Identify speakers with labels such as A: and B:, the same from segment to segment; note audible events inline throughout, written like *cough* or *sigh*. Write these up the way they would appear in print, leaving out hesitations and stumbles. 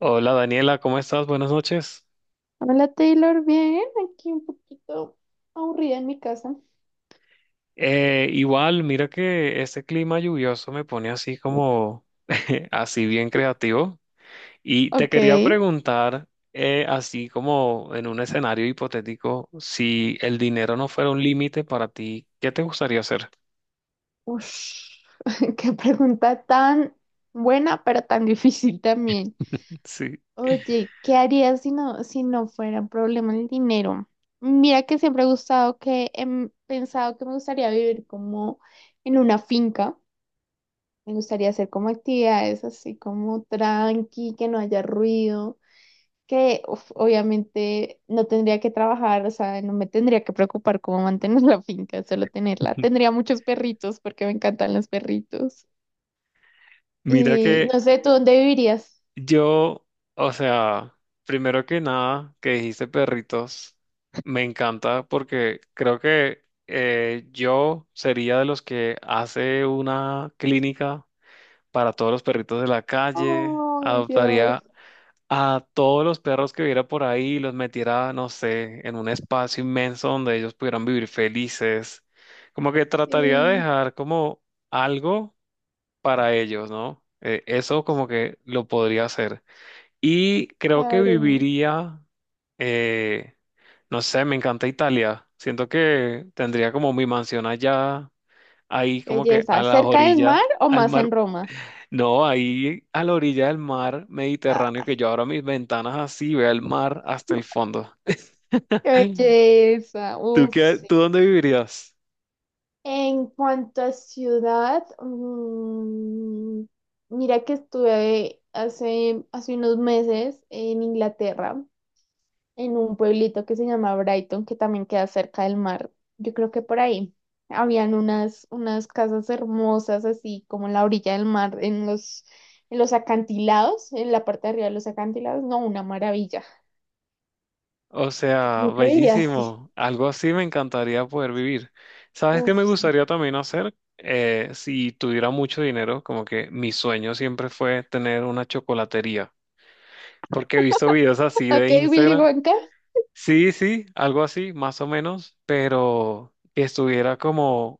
A: Hola Daniela, ¿cómo estás? Buenas noches.
B: Hola Taylor, bien, aquí un poquito aburrida en mi casa.
A: Igual, mira que este clima lluvioso me pone así como, *laughs* así bien creativo. Y te
B: Ok.
A: quería preguntar, así como en un escenario hipotético, si el dinero no fuera un límite para ti, ¿qué te gustaría hacer?
B: Ush, *laughs* qué pregunta tan buena, pero tan difícil también.
A: Sí.
B: Oye, ¿qué harías si no fuera problema el dinero? Mira que siempre he gustado que pensado que me gustaría vivir como en una finca. Me gustaría hacer como actividades así como tranqui, que no haya ruido que uf, obviamente no tendría que trabajar, o sea, no me tendría que preocupar cómo mantener *laughs* la finca, solo tenerla.
A: *laughs*
B: Tendría muchos perritos porque me encantan los perritos.
A: Mira
B: Y
A: que
B: no sé, ¿tú dónde vivirías?
A: yo, o sea, primero que nada, que dijiste perritos, me encanta porque creo que yo sería de los que hace una clínica para todos los perritos de la calle,
B: Ay, Dios.
A: adoptaría a todos los perros que viera por ahí, y los metiera, no sé, en un espacio inmenso donde ellos pudieran vivir felices. Como que trataría de
B: Sí,
A: dejar como algo para ellos, ¿no? Eso como que lo podría hacer. Y creo que
B: claro.
A: viviría, eh, no sé, me encanta Italia. Siento que tendría como mi mansión allá, ahí
B: Qué
A: como que a
B: belleza.
A: las
B: ¿Cerca del
A: orillas,
B: mar o
A: al
B: más
A: mar.
B: en Roma?
A: No, ahí a la orilla del mar Mediterráneo,
B: Ah,
A: que yo abra mis ventanas así, vea el mar hasta el fondo.
B: qué
A: *laughs*
B: belleza.
A: ¿Tú
B: Uf,
A: qué,
B: sí.
A: tú dónde vivirías?
B: En cuanto a ciudad, mira que estuve hace unos meses en Inglaterra, en un pueblito que se llama Brighton, que también queda cerca del mar. Yo creo que por ahí habían unas casas hermosas, así como en la orilla del mar, en los acantilados, en la parte de arriba de los acantilados. No, una maravilla.
A: O
B: Yo
A: sea,
B: creo que diría así.
A: bellísimo. Algo así me encantaría poder vivir. ¿Sabes qué me
B: Uf, sí.
A: gustaría también hacer? Si tuviera mucho dinero, como que mi sueño siempre fue tener una chocolatería, porque he visto videos así de
B: Ok, Willy
A: Instagram.
B: Wonka.
A: Sí, sí, algo así, más o menos, pero que estuviera como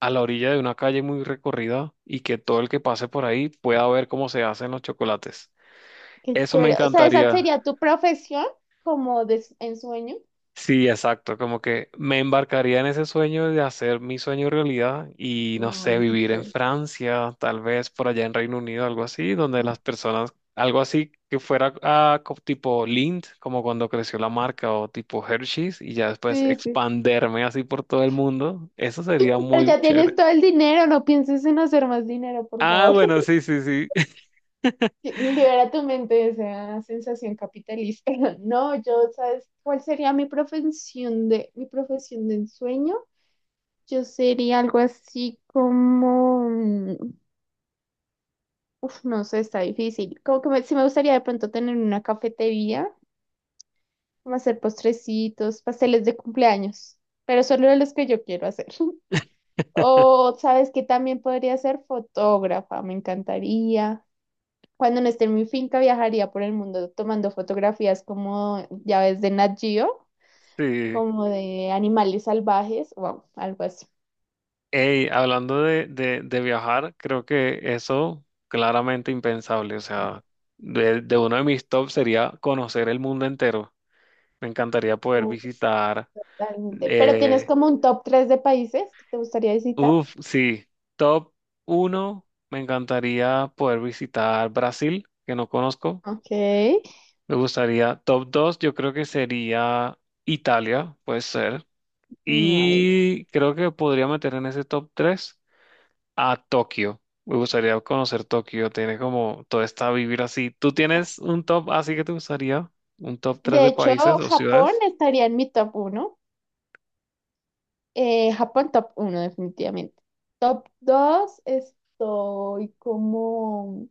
A: a la orilla de una calle muy recorrida y que todo el que pase por ahí pueda ver cómo se hacen los chocolates.
B: Qué
A: Eso me
B: chévere. O sea, esa
A: encantaría.
B: sería tu profesión como de ensueño.
A: Sí, exacto, como que me embarcaría en ese sueño de hacer mi sueño realidad y no sé,
B: Ay, qué
A: vivir en
B: chévere.
A: Francia, tal vez por allá en Reino Unido, algo así, donde las personas, algo así que fuera ah, tipo Lind, como cuando creció la marca o tipo Hershey's y ya después
B: Sí, sí.
A: expanderme así por todo el mundo, eso sería
B: Pero
A: muy
B: ya
A: chévere.
B: tienes todo el dinero, no pienses en hacer más dinero, por
A: Ah,
B: favor.
A: bueno, sí, sí, sí, *laughs*
B: Libera tu mente de esa sensación capitalista. *laughs* No, yo, ¿sabes cuál sería mi profesión de ensueño? Yo sería algo así como, mm, uf, no sé, está difícil. Como que me, sí me gustaría de pronto tener una cafetería, como hacer postrecitos, pasteles de cumpleaños, pero solo de los que yo quiero hacer. *laughs* O, ¿sabes que también podría ser fotógrafa? Me encantaría. Cuando no esté en mi finca, viajaría por el mundo tomando fotografías como ya ves de Nat Geo,
A: sí.
B: como de animales salvajes, wow, algo así.
A: Ey, hablando de viajar, creo que eso claramente impensable. O sea, de uno de mis tops sería conocer el mundo entero. Me encantaría poder visitar.
B: Totalmente. Pero tienes
A: Eh,
B: como un top 3 de países que te gustaría visitar.
A: Uf, sí, top uno, me encantaría poder visitar Brasil, que no conozco.
B: Ok.
A: Me gustaría, top dos, yo creo que sería Italia, puede ser.
B: No, ahí ya
A: Y creo que podría meter en ese top tres a Tokio. Me gustaría conocer Tokio. Tiene como toda esta vivir así. ¿Tú
B: está.
A: tienes un top así que te gustaría? ¿Un top 3
B: De
A: de
B: hecho,
A: países o
B: Japón
A: ciudades?
B: estaría en mi top uno. Japón top uno definitivamente. Top 2 estoy como...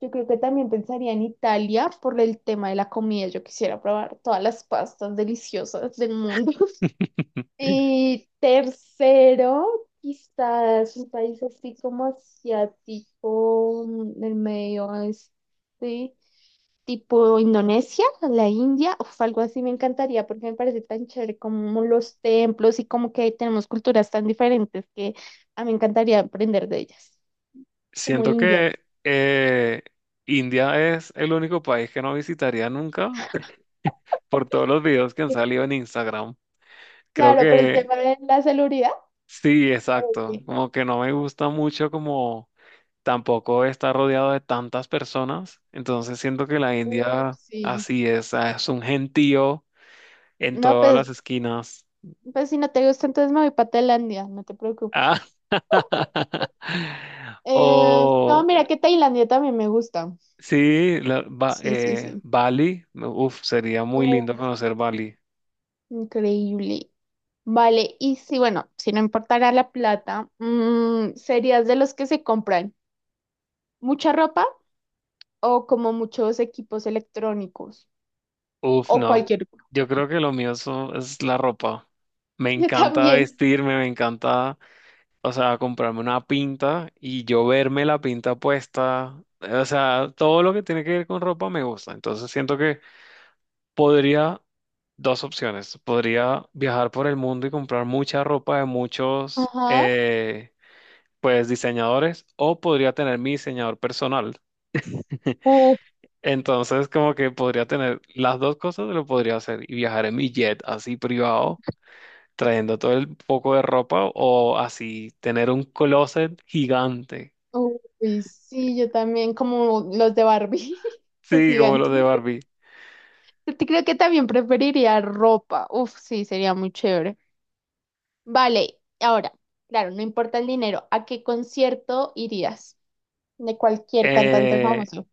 B: Yo creo que también pensaría en Italia por el tema de la comida. Yo quisiera probar todas las pastas deliciosas del mundo. *laughs*
A: *laughs*
B: Y tercero, quizás un país así como asiático, mm, del medio oeste, tipo Indonesia, la India, uf, algo así me encantaría porque me parece tan chévere como los templos y como que tenemos culturas tan diferentes que a mí me encantaría aprender de ellas, como
A: Siento
B: India.
A: que India es el único país que no visitaría nunca *laughs* por todos los videos que han
B: Porque,
A: salido en Instagram. Creo
B: claro, por el
A: que
B: tema de la seguridad.
A: sí, exacto.
B: Oye,
A: Como que no me gusta mucho como tampoco estar rodeado de tantas personas. Entonces siento que la India
B: sí.
A: así es, ah, es un gentío en
B: No,
A: todas
B: pues,
A: las esquinas.
B: pues si no te gusta, entonces me voy para Tailandia, no te
A: Ah,
B: preocupes.
A: *laughs* o
B: No, mira que Tailandia también me gusta.
A: sí,
B: Sí, sí, sí.
A: Bali, uf, sería muy
B: Uh,
A: lindo conocer Bali.
B: increíble. Vale, y si, bueno, si no importara la plata, mm, ¿serías de los que se compran mucha ropa o como muchos equipos electrónicos?
A: Uf,
B: O
A: no.
B: cualquier cosa.
A: Yo creo que lo es la ropa. Me
B: *laughs* Yo
A: encanta
B: también.
A: vestirme, me encanta, o sea, comprarme una pinta y yo verme la pinta puesta. O sea, todo lo que tiene que ver con ropa me gusta. Entonces siento que podría. Dos opciones. Podría viajar por el mundo y comprar mucha ropa de muchos,
B: Ajá.
A: pues, diseñadores, o podría tener mi diseñador personal. *laughs*
B: Uf,
A: Entonces, como que podría tener las dos cosas, lo podría hacer y viajar en mi jet así privado, trayendo todo el poco de ropa, o así tener un closet gigante,
B: uy, sí, yo también, como los de Barbie, *laughs* que es
A: sí, como los de
B: gigante.
A: Barbie.
B: Yo te creo que también preferiría ropa. Uf, sí, sería muy chévere. Vale, ahora, claro, no importa el dinero, ¿a qué concierto irías? De cualquier cantante
A: Eh,
B: famoso.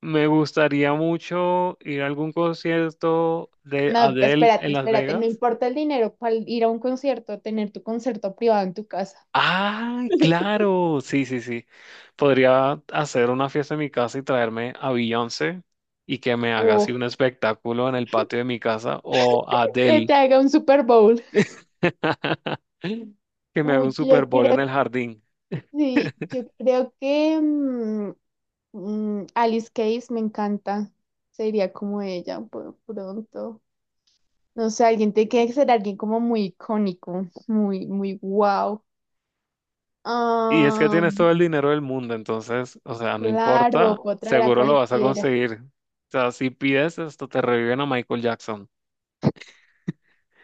A: Me gustaría mucho ir a algún concierto de
B: No,
A: Adele
B: espérate,
A: en Las
B: espérate, no
A: Vegas.
B: importa el dinero, ¿cuál, ir a un concierto, tener tu concierto privado en tu casa?
A: Ah, claro, sí, sí, sí. Podría hacer una fiesta en mi casa y traerme a Beyoncé y que me haga así
B: Uf,
A: un espectáculo en el patio de mi casa o a
B: que te
A: Adele
B: haga un Super Bowl.
A: *laughs* que me haga un
B: Uy,
A: Super
B: yo
A: Bowl en el
B: creo,
A: jardín.
B: sí, yo creo que Alice Case me encanta. Sería como ella pronto. No sé, alguien tiene que ser alguien como muy icónico, muy, muy wow.
A: Y es que
B: Ah,
A: tienes todo el dinero del mundo, entonces, o sea, no importa,
B: claro, puedo traer a
A: seguro lo vas a
B: cualquiera.
A: conseguir. O sea, si pides esto, te reviven a Michael Jackson.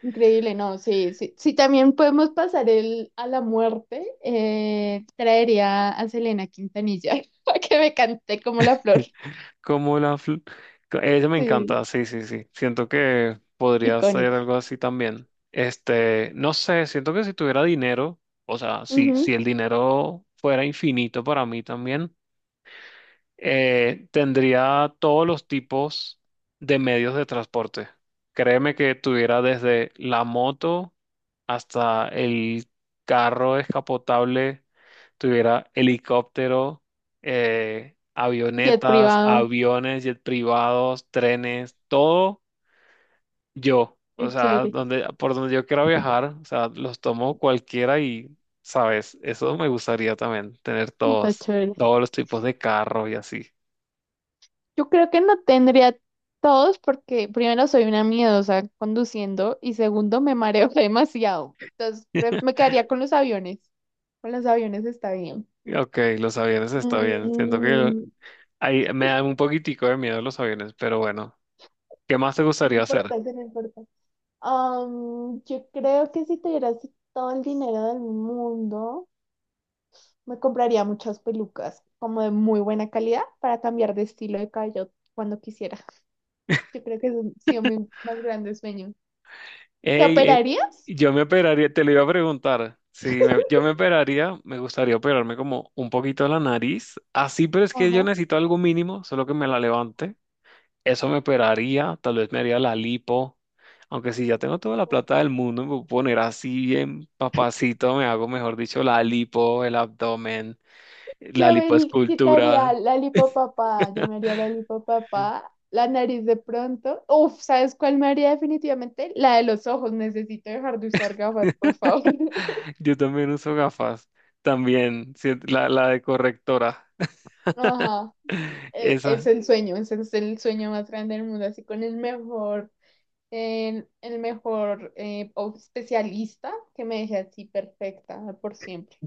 B: Increíble, no, sí, sí. Si también podemos pasar el, a la muerte, traería a Selena Quintanilla *laughs* para que me cante Como La Flor.
A: Como la... Ella me
B: Sí,
A: encanta, sí, sí, sí. Siento que podría ser
B: icónica.
A: algo así también. Este, no sé, siento que si tuviera dinero, o sea, si
B: Ujú.
A: el dinero fuera infinito para mí también, tendría todos los tipos de medios de transporte. Créeme que tuviera desde la moto hasta el carro descapotable, tuviera helicóptero,
B: Jet
A: avionetas,
B: privado,
A: aviones, jet privados, trenes, todo yo. O
B: qué
A: sea,
B: chévere,
A: donde, por donde yo quiera viajar, o sea, los tomo cualquiera y, sabes, eso me gustaría también, tener
B: está
A: todos,
B: chévere.
A: todos los tipos de carro y así.
B: Yo creo que no tendría todos porque primero soy una miedosa conduciendo y segundo me mareo *laughs* demasiado.
A: *laughs*
B: Me quedaría con los aviones. Con los aviones está bien.
A: Ok, los aviones está bien. Siento que
B: Mm,
A: ahí me da un poquitico de miedo los aviones, pero bueno, ¿qué más te
B: no
A: gustaría hacer?
B: importa, sí, no importa. Am, yo creo que si tuviera así todo el dinero del mundo, me compraría muchas pelucas como de muy buena calidad para cambiar de estilo de cabello cuando quisiera. Yo creo que es sí, mi más grande sueño. ¿Te
A: Ey, eh,
B: operarías?
A: yo me operaría, te lo iba a preguntar. Si me- Yo me operaría, me gustaría operarme como un poquito la nariz. Así, pero es que yo
B: Ajá.
A: necesito algo mínimo, solo que me la levante. Eso me operaría, tal vez me haría la lipo. Aunque si ya tengo toda la plata del mundo, me voy a poner así bien papacito, me hago, mejor dicho, la lipo, el abdomen, la
B: Yo me quitaría
A: lipoescultura.
B: la lipopapá, yo me haría la lipopapá, la nariz de pronto. Uf, ¿sabes cuál me haría definitivamente? La de los ojos, necesito dejar de usar gafas,
A: *laughs*
B: por favor. *laughs*
A: Yo también uso gafas. También, sí, la de correctora.
B: Ajá,
A: *laughs* Esa.
B: es el sueño, ese es el sueño más grande del mundo, así con el mejor, el mejor especialista que me deje así perfecta por siempre.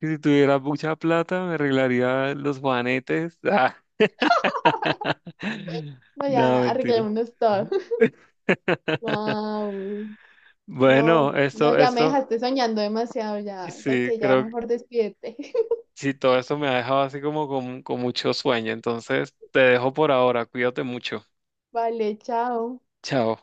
A: Que si tuviera mucha plata me arreglaría los juanetes. Ah. *laughs*
B: Bueno,
A: No,
B: ya
A: mentira.
B: arreglémonos todo. *laughs*
A: *laughs*
B: Wow.
A: Bueno,
B: No, no, ya me dejaste soñando demasiado,
A: y
B: ya, ya
A: sí,
B: que ya
A: creo que
B: mejor despídete. *laughs*
A: sí, todo esto me ha dejado así como con mucho sueño. Entonces, te dejo por ahora. Cuídate mucho.
B: Vale, chao.
A: Chao.